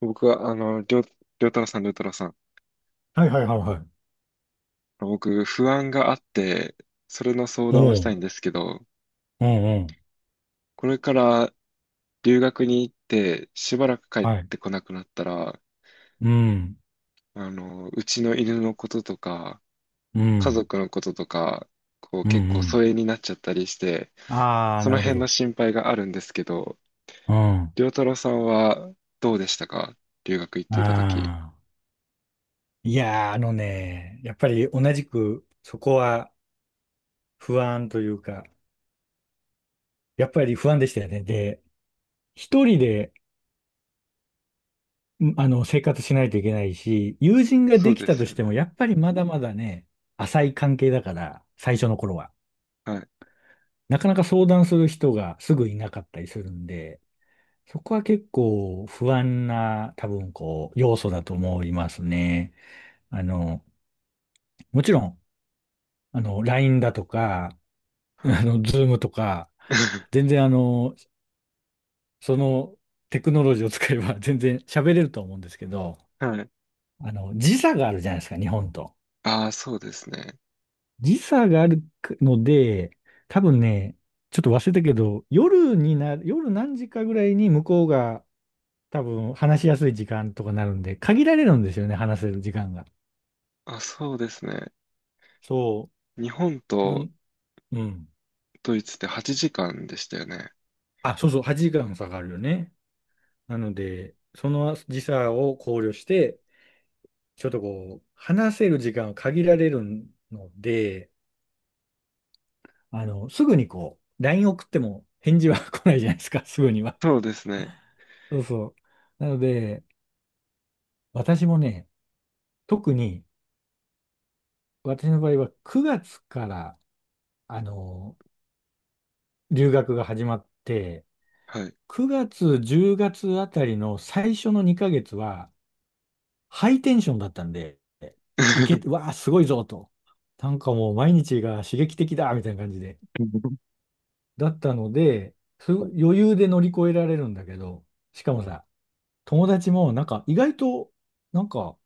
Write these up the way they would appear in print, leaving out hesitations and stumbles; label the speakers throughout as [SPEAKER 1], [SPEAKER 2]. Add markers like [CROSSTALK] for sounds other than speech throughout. [SPEAKER 1] 僕は、りょうたろうさん、りょうたろうさん。
[SPEAKER 2] はいはいはいはい。
[SPEAKER 1] 僕、不安があって、それの相
[SPEAKER 2] お
[SPEAKER 1] 談をした
[SPEAKER 2] う、
[SPEAKER 1] いんですけど、
[SPEAKER 2] うんうん。
[SPEAKER 1] これから留学に行って、しばらく帰っ
[SPEAKER 2] はい。
[SPEAKER 1] てこなくなったら、
[SPEAKER 2] うん、
[SPEAKER 1] うちの犬のこととか、
[SPEAKER 2] う
[SPEAKER 1] 家
[SPEAKER 2] ん、
[SPEAKER 1] 族のこととか、
[SPEAKER 2] うん、う
[SPEAKER 1] 結構疎
[SPEAKER 2] ん。
[SPEAKER 1] 遠になっちゃったりして、
[SPEAKER 2] ああ、
[SPEAKER 1] そ
[SPEAKER 2] な
[SPEAKER 1] の
[SPEAKER 2] るほ
[SPEAKER 1] 辺の
[SPEAKER 2] ど。
[SPEAKER 1] 心配があるんですけど、
[SPEAKER 2] うん。あ
[SPEAKER 1] りょうたろうさんはどうでしたか、留学行ってた時。
[SPEAKER 2] あ。いやー、あのね、やっぱり同じく、そこは不安というか、やっぱり不安でしたよね。で、一人で、生活しないといけないし、友人が
[SPEAKER 1] そ
[SPEAKER 2] で
[SPEAKER 1] う
[SPEAKER 2] き
[SPEAKER 1] で
[SPEAKER 2] たと
[SPEAKER 1] すよ
[SPEAKER 2] し
[SPEAKER 1] ね。
[SPEAKER 2] ても、やっぱりまだまだね、浅い関係だから、最初の頃は。
[SPEAKER 1] はい、
[SPEAKER 2] なかなか相談する人がすぐいなかったりするんで、そこは結構不安な多分こう要素だと思いますね。あの、もちろん、LINE だとか、[LAUGHS]
[SPEAKER 1] はい。
[SPEAKER 2] Zoom とか、
[SPEAKER 1] [LAUGHS]
[SPEAKER 2] 全然そのテクノロジーを使えば [LAUGHS] 全然喋れると思うんですけど、
[SPEAKER 1] はい。
[SPEAKER 2] 時差があるじゃないですか、日本と。
[SPEAKER 1] ああ、そうですね。
[SPEAKER 2] 時差があるので、多分ね、ちょっと忘れたけど、夜にな、夜何時かぐらいに向こうが多分話しやすい時間とかなるんで、限られるんですよね、話せる時間が。
[SPEAKER 1] あ、そうですね。
[SPEAKER 2] そ
[SPEAKER 1] 日本
[SPEAKER 2] う、
[SPEAKER 1] と
[SPEAKER 2] うん。
[SPEAKER 1] ドイツって8時間でしたよね。
[SPEAKER 2] あ、そうそう、8時間差があるよね。なので、その時差を考慮して、ちょっとこう、話せる時間は限られるので、すぐにこう、LINE 送っても返事は [LAUGHS] 来ないじゃないですか、[LAUGHS] すぐには。
[SPEAKER 1] そうですね。
[SPEAKER 2] そうそう。なので、私もね、特に、私の場合は9月から、あの、留学が始まって、
[SPEAKER 1] はい。
[SPEAKER 2] 9月、10月あたりの最初の2ヶ月は、ハイテンションだったんで、
[SPEAKER 1] [LAUGHS]
[SPEAKER 2] わあ、すごいぞと。なんかもう毎日が刺激的だみたいな感じで。だったので、余裕で乗り越えられるんだけど、しかもさ、友達もなんか意外となんか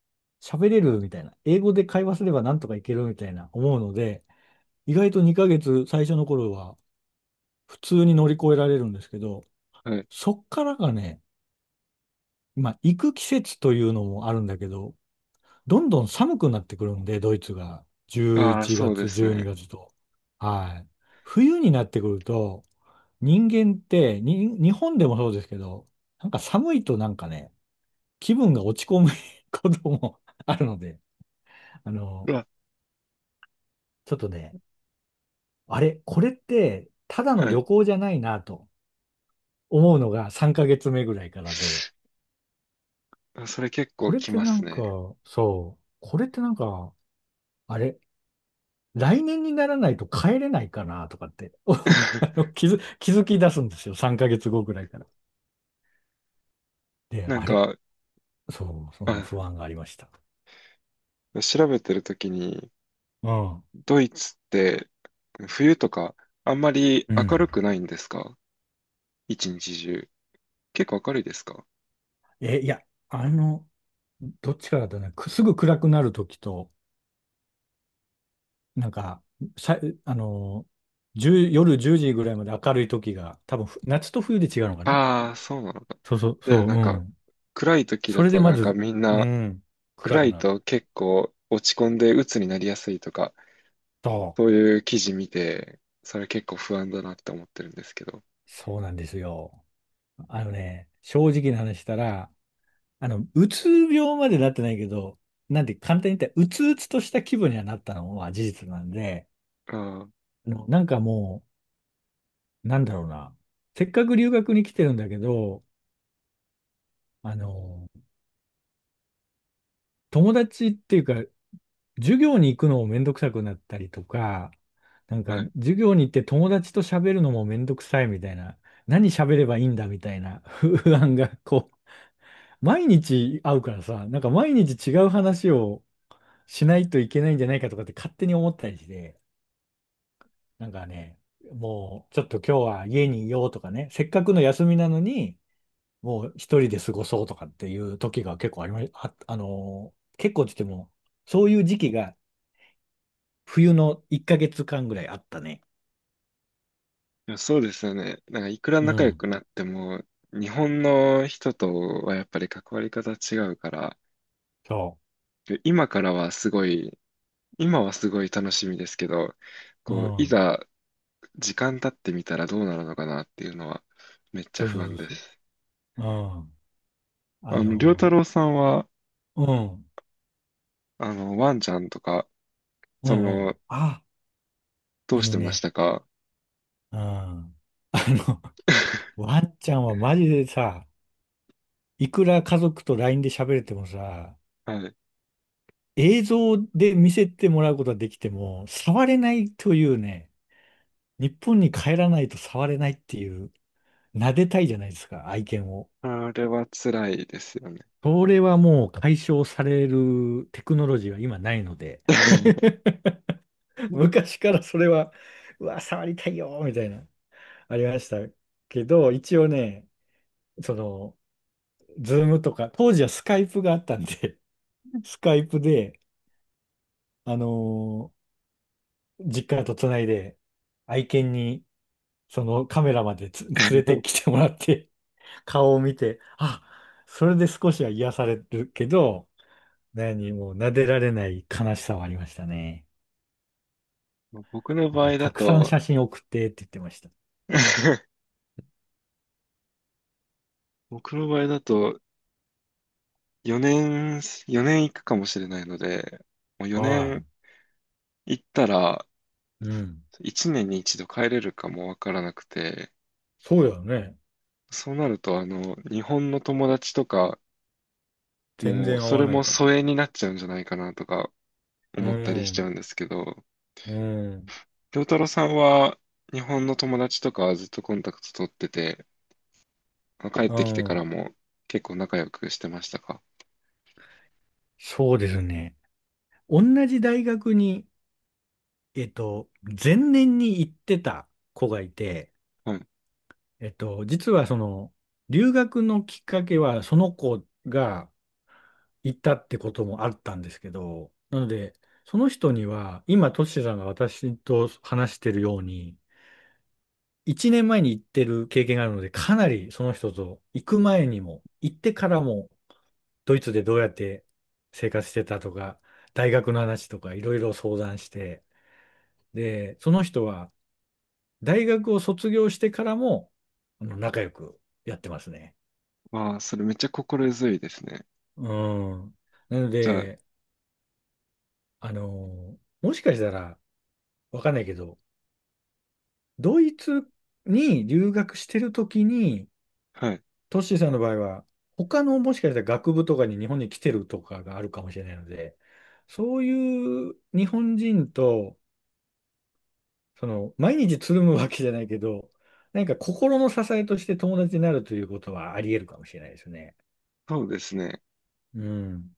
[SPEAKER 2] 喋れるみたいな、英語で会話すればなんとかいけるみたいな思うので、意外と2ヶ月最初の頃は普通に乗り越えられるんですけど、
[SPEAKER 1] はい。
[SPEAKER 2] そっからがね、まあ行く季節というのもあるんだけど、どんどん寒くなってくるんで、ドイツが。11
[SPEAKER 1] ああ、そうで
[SPEAKER 2] 月、
[SPEAKER 1] す
[SPEAKER 2] 12
[SPEAKER 1] ね。
[SPEAKER 2] 月と。はい。冬になってくると、人間ってに、日本でもそうですけど、なんか寒いとなんかね、気分が落ち込む [LAUGHS] ことも [LAUGHS] あるので、あ
[SPEAKER 1] う
[SPEAKER 2] の、
[SPEAKER 1] わ、
[SPEAKER 2] ちょっとね、あれ、これって、ただの
[SPEAKER 1] は
[SPEAKER 2] 旅
[SPEAKER 1] い。
[SPEAKER 2] 行じゃないなと思うのが3ヶ月目ぐらいからで、
[SPEAKER 1] あ、それ結構
[SPEAKER 2] これっ
[SPEAKER 1] き
[SPEAKER 2] て
[SPEAKER 1] ま
[SPEAKER 2] な
[SPEAKER 1] す
[SPEAKER 2] んか、
[SPEAKER 1] ね。
[SPEAKER 2] そう、これってなんか、あれ、来年にならないと帰れないかなとかって [LAUGHS]、
[SPEAKER 1] [LAUGHS]
[SPEAKER 2] 気づき出すんですよ。3ヶ月後ぐらいから。で、
[SPEAKER 1] なん
[SPEAKER 2] あれ
[SPEAKER 1] か、
[SPEAKER 2] そう、その不
[SPEAKER 1] あ、
[SPEAKER 2] 安がありました。
[SPEAKER 1] 調べてるときに、
[SPEAKER 2] うん。
[SPEAKER 1] ドイツって冬とかあんまり
[SPEAKER 2] う
[SPEAKER 1] 明る
[SPEAKER 2] ん。
[SPEAKER 1] くないんですか、一日中。結構明るいですか。
[SPEAKER 2] え、いや、あの、どっちかだとね、くすぐ暗くなるときと、なんか、さあの、1夜10時ぐらいまで明るいときが、多分夏と冬で違うのかな。
[SPEAKER 1] ああー、そうなのか。
[SPEAKER 2] そうそう、
[SPEAKER 1] で、
[SPEAKER 2] そう、
[SPEAKER 1] な
[SPEAKER 2] う
[SPEAKER 1] んか、
[SPEAKER 2] ん。
[SPEAKER 1] 暗い時
[SPEAKER 2] そ
[SPEAKER 1] だ
[SPEAKER 2] れで
[SPEAKER 1] と
[SPEAKER 2] ま
[SPEAKER 1] なんか
[SPEAKER 2] ず、
[SPEAKER 1] みん
[SPEAKER 2] う
[SPEAKER 1] な、
[SPEAKER 2] ん、暗
[SPEAKER 1] 暗
[SPEAKER 2] く
[SPEAKER 1] い
[SPEAKER 2] なる。
[SPEAKER 1] と結構落ち込んで鬱になりやすいとか、
[SPEAKER 2] そ
[SPEAKER 1] そういう記事見て、それ結構不安だなって思ってるんですけど。
[SPEAKER 2] う、そうなんですよ。あのね、正直な話したら、うつ病までなってないけど、なんて簡単に言ったら、うつうつとした気分にはなったのは事実なんで、
[SPEAKER 1] あ
[SPEAKER 2] なんかもう、なんだろうな。せっかく留学に来てるんだけど、あの、友達っていうか、授業に行くのもめんどくさくなったりとか、なん
[SPEAKER 1] あ、
[SPEAKER 2] か
[SPEAKER 1] はい。い
[SPEAKER 2] 授業に行って友達と喋るのもめんどくさいみたいな、何喋ればいいんだみたいな [LAUGHS] 不安が、こう、毎日会うからさ、なんか毎日違う話をしないといけないんじゃないかとかって勝手に思ったりして、なんかね、もうちょっと今日は家にいようとかね、せっかくの休みなのに、もう一人で過ごそうとかっていう時が結構ありま、あ、あのー結構って言っても、そういう時期が冬の1ヶ月間ぐらいあったね。
[SPEAKER 1] や、そうですよね。なんかいくら
[SPEAKER 2] う
[SPEAKER 1] 仲良
[SPEAKER 2] ん。
[SPEAKER 1] くなっても、日本の人とはやっぱり関わり方違うから、
[SPEAKER 2] そ
[SPEAKER 1] 今からはすごい、今はすごい楽しみですけど、
[SPEAKER 2] う。う
[SPEAKER 1] こう、い
[SPEAKER 2] ん。
[SPEAKER 1] ざ時間経ってみたらどうなるのかなっていうのはめっちゃ
[SPEAKER 2] そうそ
[SPEAKER 1] 不安
[SPEAKER 2] う
[SPEAKER 1] で
[SPEAKER 2] そう
[SPEAKER 1] す。
[SPEAKER 2] そう。うん。あ
[SPEAKER 1] 良太
[SPEAKER 2] の
[SPEAKER 1] 郎さんは、
[SPEAKER 2] うん。
[SPEAKER 1] ワンちゃんとか、
[SPEAKER 2] う
[SPEAKER 1] そ
[SPEAKER 2] んうん。
[SPEAKER 1] の、
[SPEAKER 2] あ、
[SPEAKER 1] どうし
[SPEAKER 2] 犬
[SPEAKER 1] てまし
[SPEAKER 2] ね。
[SPEAKER 1] たか。
[SPEAKER 2] うん。の、
[SPEAKER 1] [LAUGHS]
[SPEAKER 2] ワンちゃんはマジでさ、いくら家族と LINE で喋れてもさ、
[SPEAKER 1] はい。
[SPEAKER 2] 映像で見せてもらうことはできても、触れないというね、日本に帰らないと触れないっていう、撫でたいじゃないですか、愛犬を。
[SPEAKER 1] あれは辛いですよね。
[SPEAKER 2] それはもう解消されるテクノロジーは今ないので、
[SPEAKER 1] [LAUGHS]
[SPEAKER 2] [LAUGHS] 昔からそれは、うわ、触りたいよ、みたいな、ありましたけど、一応ね、その、ズームとか、当時はスカイプがあったんで、[LAUGHS] スカイプで、あのー実家とつないで、愛犬に、そのカメラまで[LAUGHS] 連れてきてもらって、顔を見て、あ、それで少しは癒されるけど、何もう撫でられない悲しさはありましたね。
[SPEAKER 1] 僕の
[SPEAKER 2] だ
[SPEAKER 1] 場
[SPEAKER 2] から
[SPEAKER 1] 合だ
[SPEAKER 2] たくさん
[SPEAKER 1] と
[SPEAKER 2] 写真送ってって言ってました。
[SPEAKER 1] [LAUGHS] 僕の場合だと4年、4年行くかもしれないので、もう4
[SPEAKER 2] は
[SPEAKER 1] 年行ったら、
[SPEAKER 2] い。うん。
[SPEAKER 1] 1年に一度帰れるかもわからなくて、
[SPEAKER 2] そうやね。
[SPEAKER 1] そうなると日本の友達とか、
[SPEAKER 2] 全
[SPEAKER 1] もう
[SPEAKER 2] 然合
[SPEAKER 1] そ
[SPEAKER 2] わ
[SPEAKER 1] れ
[SPEAKER 2] ない
[SPEAKER 1] も
[SPEAKER 2] かも。
[SPEAKER 1] 疎遠になっちゃうんじゃないかなとか
[SPEAKER 2] う
[SPEAKER 1] 思ったりしちゃ
[SPEAKER 2] ん。
[SPEAKER 1] うんですけど、
[SPEAKER 2] うん。
[SPEAKER 1] 良太郎さんは日本の友達とかはずっとコンタクト取ってて、帰っ
[SPEAKER 2] う
[SPEAKER 1] てきてから
[SPEAKER 2] ん。
[SPEAKER 1] も結構仲良くしてましたか。
[SPEAKER 2] そうですね。同じ大学に、えっと、前年に行ってた子がいて、
[SPEAKER 1] はい。
[SPEAKER 2] 実はその、留学のきっかけは、その子が行ったってこともあったんですけど、なので、その人には、今、トシさんが私と話してるように、1年前に行ってる経験があるので、かなりその人と行く前にも、行ってからも、ドイツでどうやって生活してたとか、大学の話とか、いろいろ相談して、で、その人は、大学を卒業してからも、仲良くやってますね。
[SPEAKER 1] わあ、それめっちゃ心強いですね。
[SPEAKER 2] うん。なの
[SPEAKER 1] じゃあ、
[SPEAKER 2] で、もしかしたら、わかんないけど、ドイツに留学してるときに、
[SPEAKER 1] はい。
[SPEAKER 2] トッシーさんの場合は、他のもしかしたら学部とかに日本に来てるとかがあるかもしれないので、そういう日本人と、その、毎日つるむわけじゃないけど、なんか心の支えとして友達になるということはあり得るかもしれないですね。
[SPEAKER 1] そうですね。
[SPEAKER 2] うん。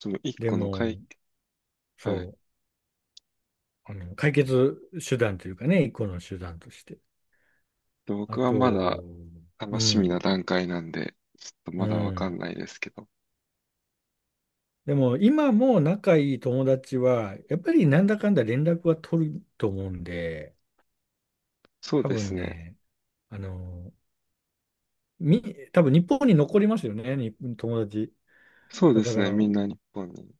[SPEAKER 1] その一
[SPEAKER 2] で
[SPEAKER 1] 個の解、
[SPEAKER 2] も、
[SPEAKER 1] はい。
[SPEAKER 2] そう、解決手段というかね、一個の手段として。あ
[SPEAKER 1] 僕はまだ
[SPEAKER 2] と、
[SPEAKER 1] 楽
[SPEAKER 2] う
[SPEAKER 1] しみな
[SPEAKER 2] ん、
[SPEAKER 1] 段階なんで、ちょっと
[SPEAKER 2] う
[SPEAKER 1] まだわか
[SPEAKER 2] ん。
[SPEAKER 1] んないですけど。
[SPEAKER 2] でも今も仲いい友達は、やっぱりなんだかんだ連絡は取ると思うんで、
[SPEAKER 1] そう
[SPEAKER 2] 多
[SPEAKER 1] です
[SPEAKER 2] 分
[SPEAKER 1] ね。
[SPEAKER 2] ね、あの、み、多分日本に残りますよね、に友達。
[SPEAKER 1] そう
[SPEAKER 2] だ
[SPEAKER 1] で
[SPEAKER 2] か
[SPEAKER 1] すね。み
[SPEAKER 2] ら、
[SPEAKER 1] んな日本に。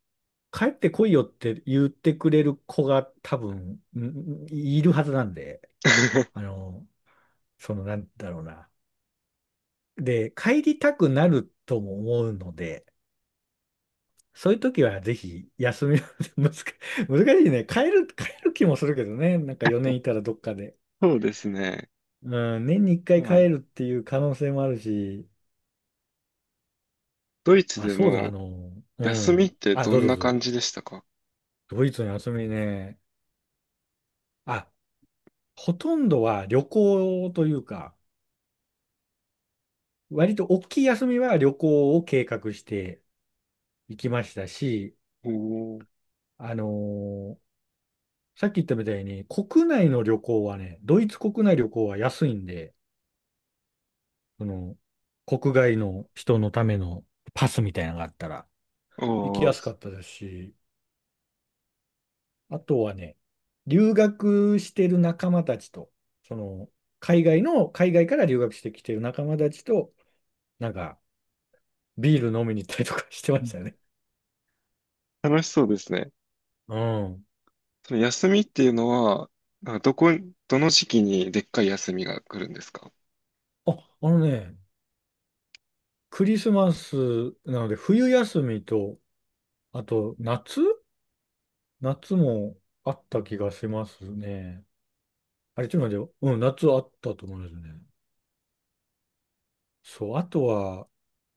[SPEAKER 2] 帰ってこいよって言ってくれる子が多分、いるはずなんで、あ
[SPEAKER 1] [LAUGHS]
[SPEAKER 2] の、なんだろうな。で、帰りたくなるとも思うので、そういう時はぜひ休みを [LAUGHS] 難し難しいね。帰る気もするけどね。なんか4年いたらどっかで。
[SPEAKER 1] そうですね。
[SPEAKER 2] うん、年に1回
[SPEAKER 1] まあ、
[SPEAKER 2] 帰るっていう可能性もあるし。
[SPEAKER 1] ドイツ
[SPEAKER 2] あ、
[SPEAKER 1] で
[SPEAKER 2] そうだ、
[SPEAKER 1] の
[SPEAKER 2] う
[SPEAKER 1] 休みっ
[SPEAKER 2] ん。
[SPEAKER 1] て
[SPEAKER 2] あ、
[SPEAKER 1] ど
[SPEAKER 2] どう
[SPEAKER 1] ん
[SPEAKER 2] ぞ
[SPEAKER 1] な
[SPEAKER 2] どうぞ。
[SPEAKER 1] 感じでしたか。
[SPEAKER 2] ドイツの休みね。あ、ほとんどは旅行というか、割と大きい休みは旅行を計画していきましたし、
[SPEAKER 1] おー、
[SPEAKER 2] あのーさっき言ったみたいに、国内の旅行はね、ドイツ国内旅行は安いんで、その、国外の人のためのパスみたいなのがあったら、行き
[SPEAKER 1] お
[SPEAKER 2] やすか
[SPEAKER 1] ー、
[SPEAKER 2] ったですし、あとはね、留学してる仲間たちと、その、海外から留学してきてる仲間たちと、なんか、ビール飲みに行ったりとかしてましたね。
[SPEAKER 1] 楽しそうですね。
[SPEAKER 2] うん。
[SPEAKER 1] その休みっていうのは、なんかどこ、どの時期にでっかい休みが来るんですか。
[SPEAKER 2] あ、あのね、クリスマスなので、冬休みと、あと夏もあった気がしますね。あれ、ちょっと待ってよ。うん、夏あったと思うんですよね。そう、あとは、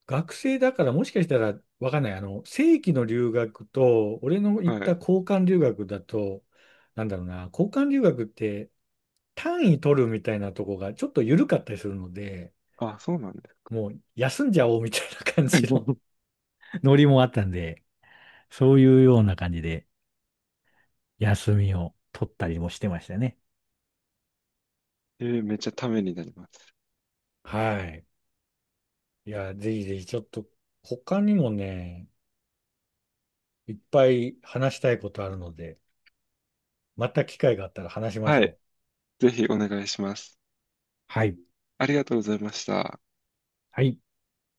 [SPEAKER 2] 学生だからもしかしたらわかんない。正規の留学と、俺の行
[SPEAKER 1] は
[SPEAKER 2] った
[SPEAKER 1] い。
[SPEAKER 2] 交換留学だと、なんだろうな、交換留学って単位取るみたいなとこがちょっと緩かったりするので、
[SPEAKER 1] あ、そうなんですか。
[SPEAKER 2] もう休んじゃおうみたいな感じの
[SPEAKER 1] [LAUGHS]
[SPEAKER 2] [LAUGHS] ノリもあったんで、そういうような感じで休みを取ったりもしてましたね。
[SPEAKER 1] えーめっちゃためになります。
[SPEAKER 2] はい。いや、ぜひぜひちょっと他にもね、いっぱい話したいことあるので、また機会があったら話しまし
[SPEAKER 1] は
[SPEAKER 2] ょ
[SPEAKER 1] い。
[SPEAKER 2] う。
[SPEAKER 1] ぜひお願いします。
[SPEAKER 2] はい。
[SPEAKER 1] ありがとうございました。
[SPEAKER 2] はい。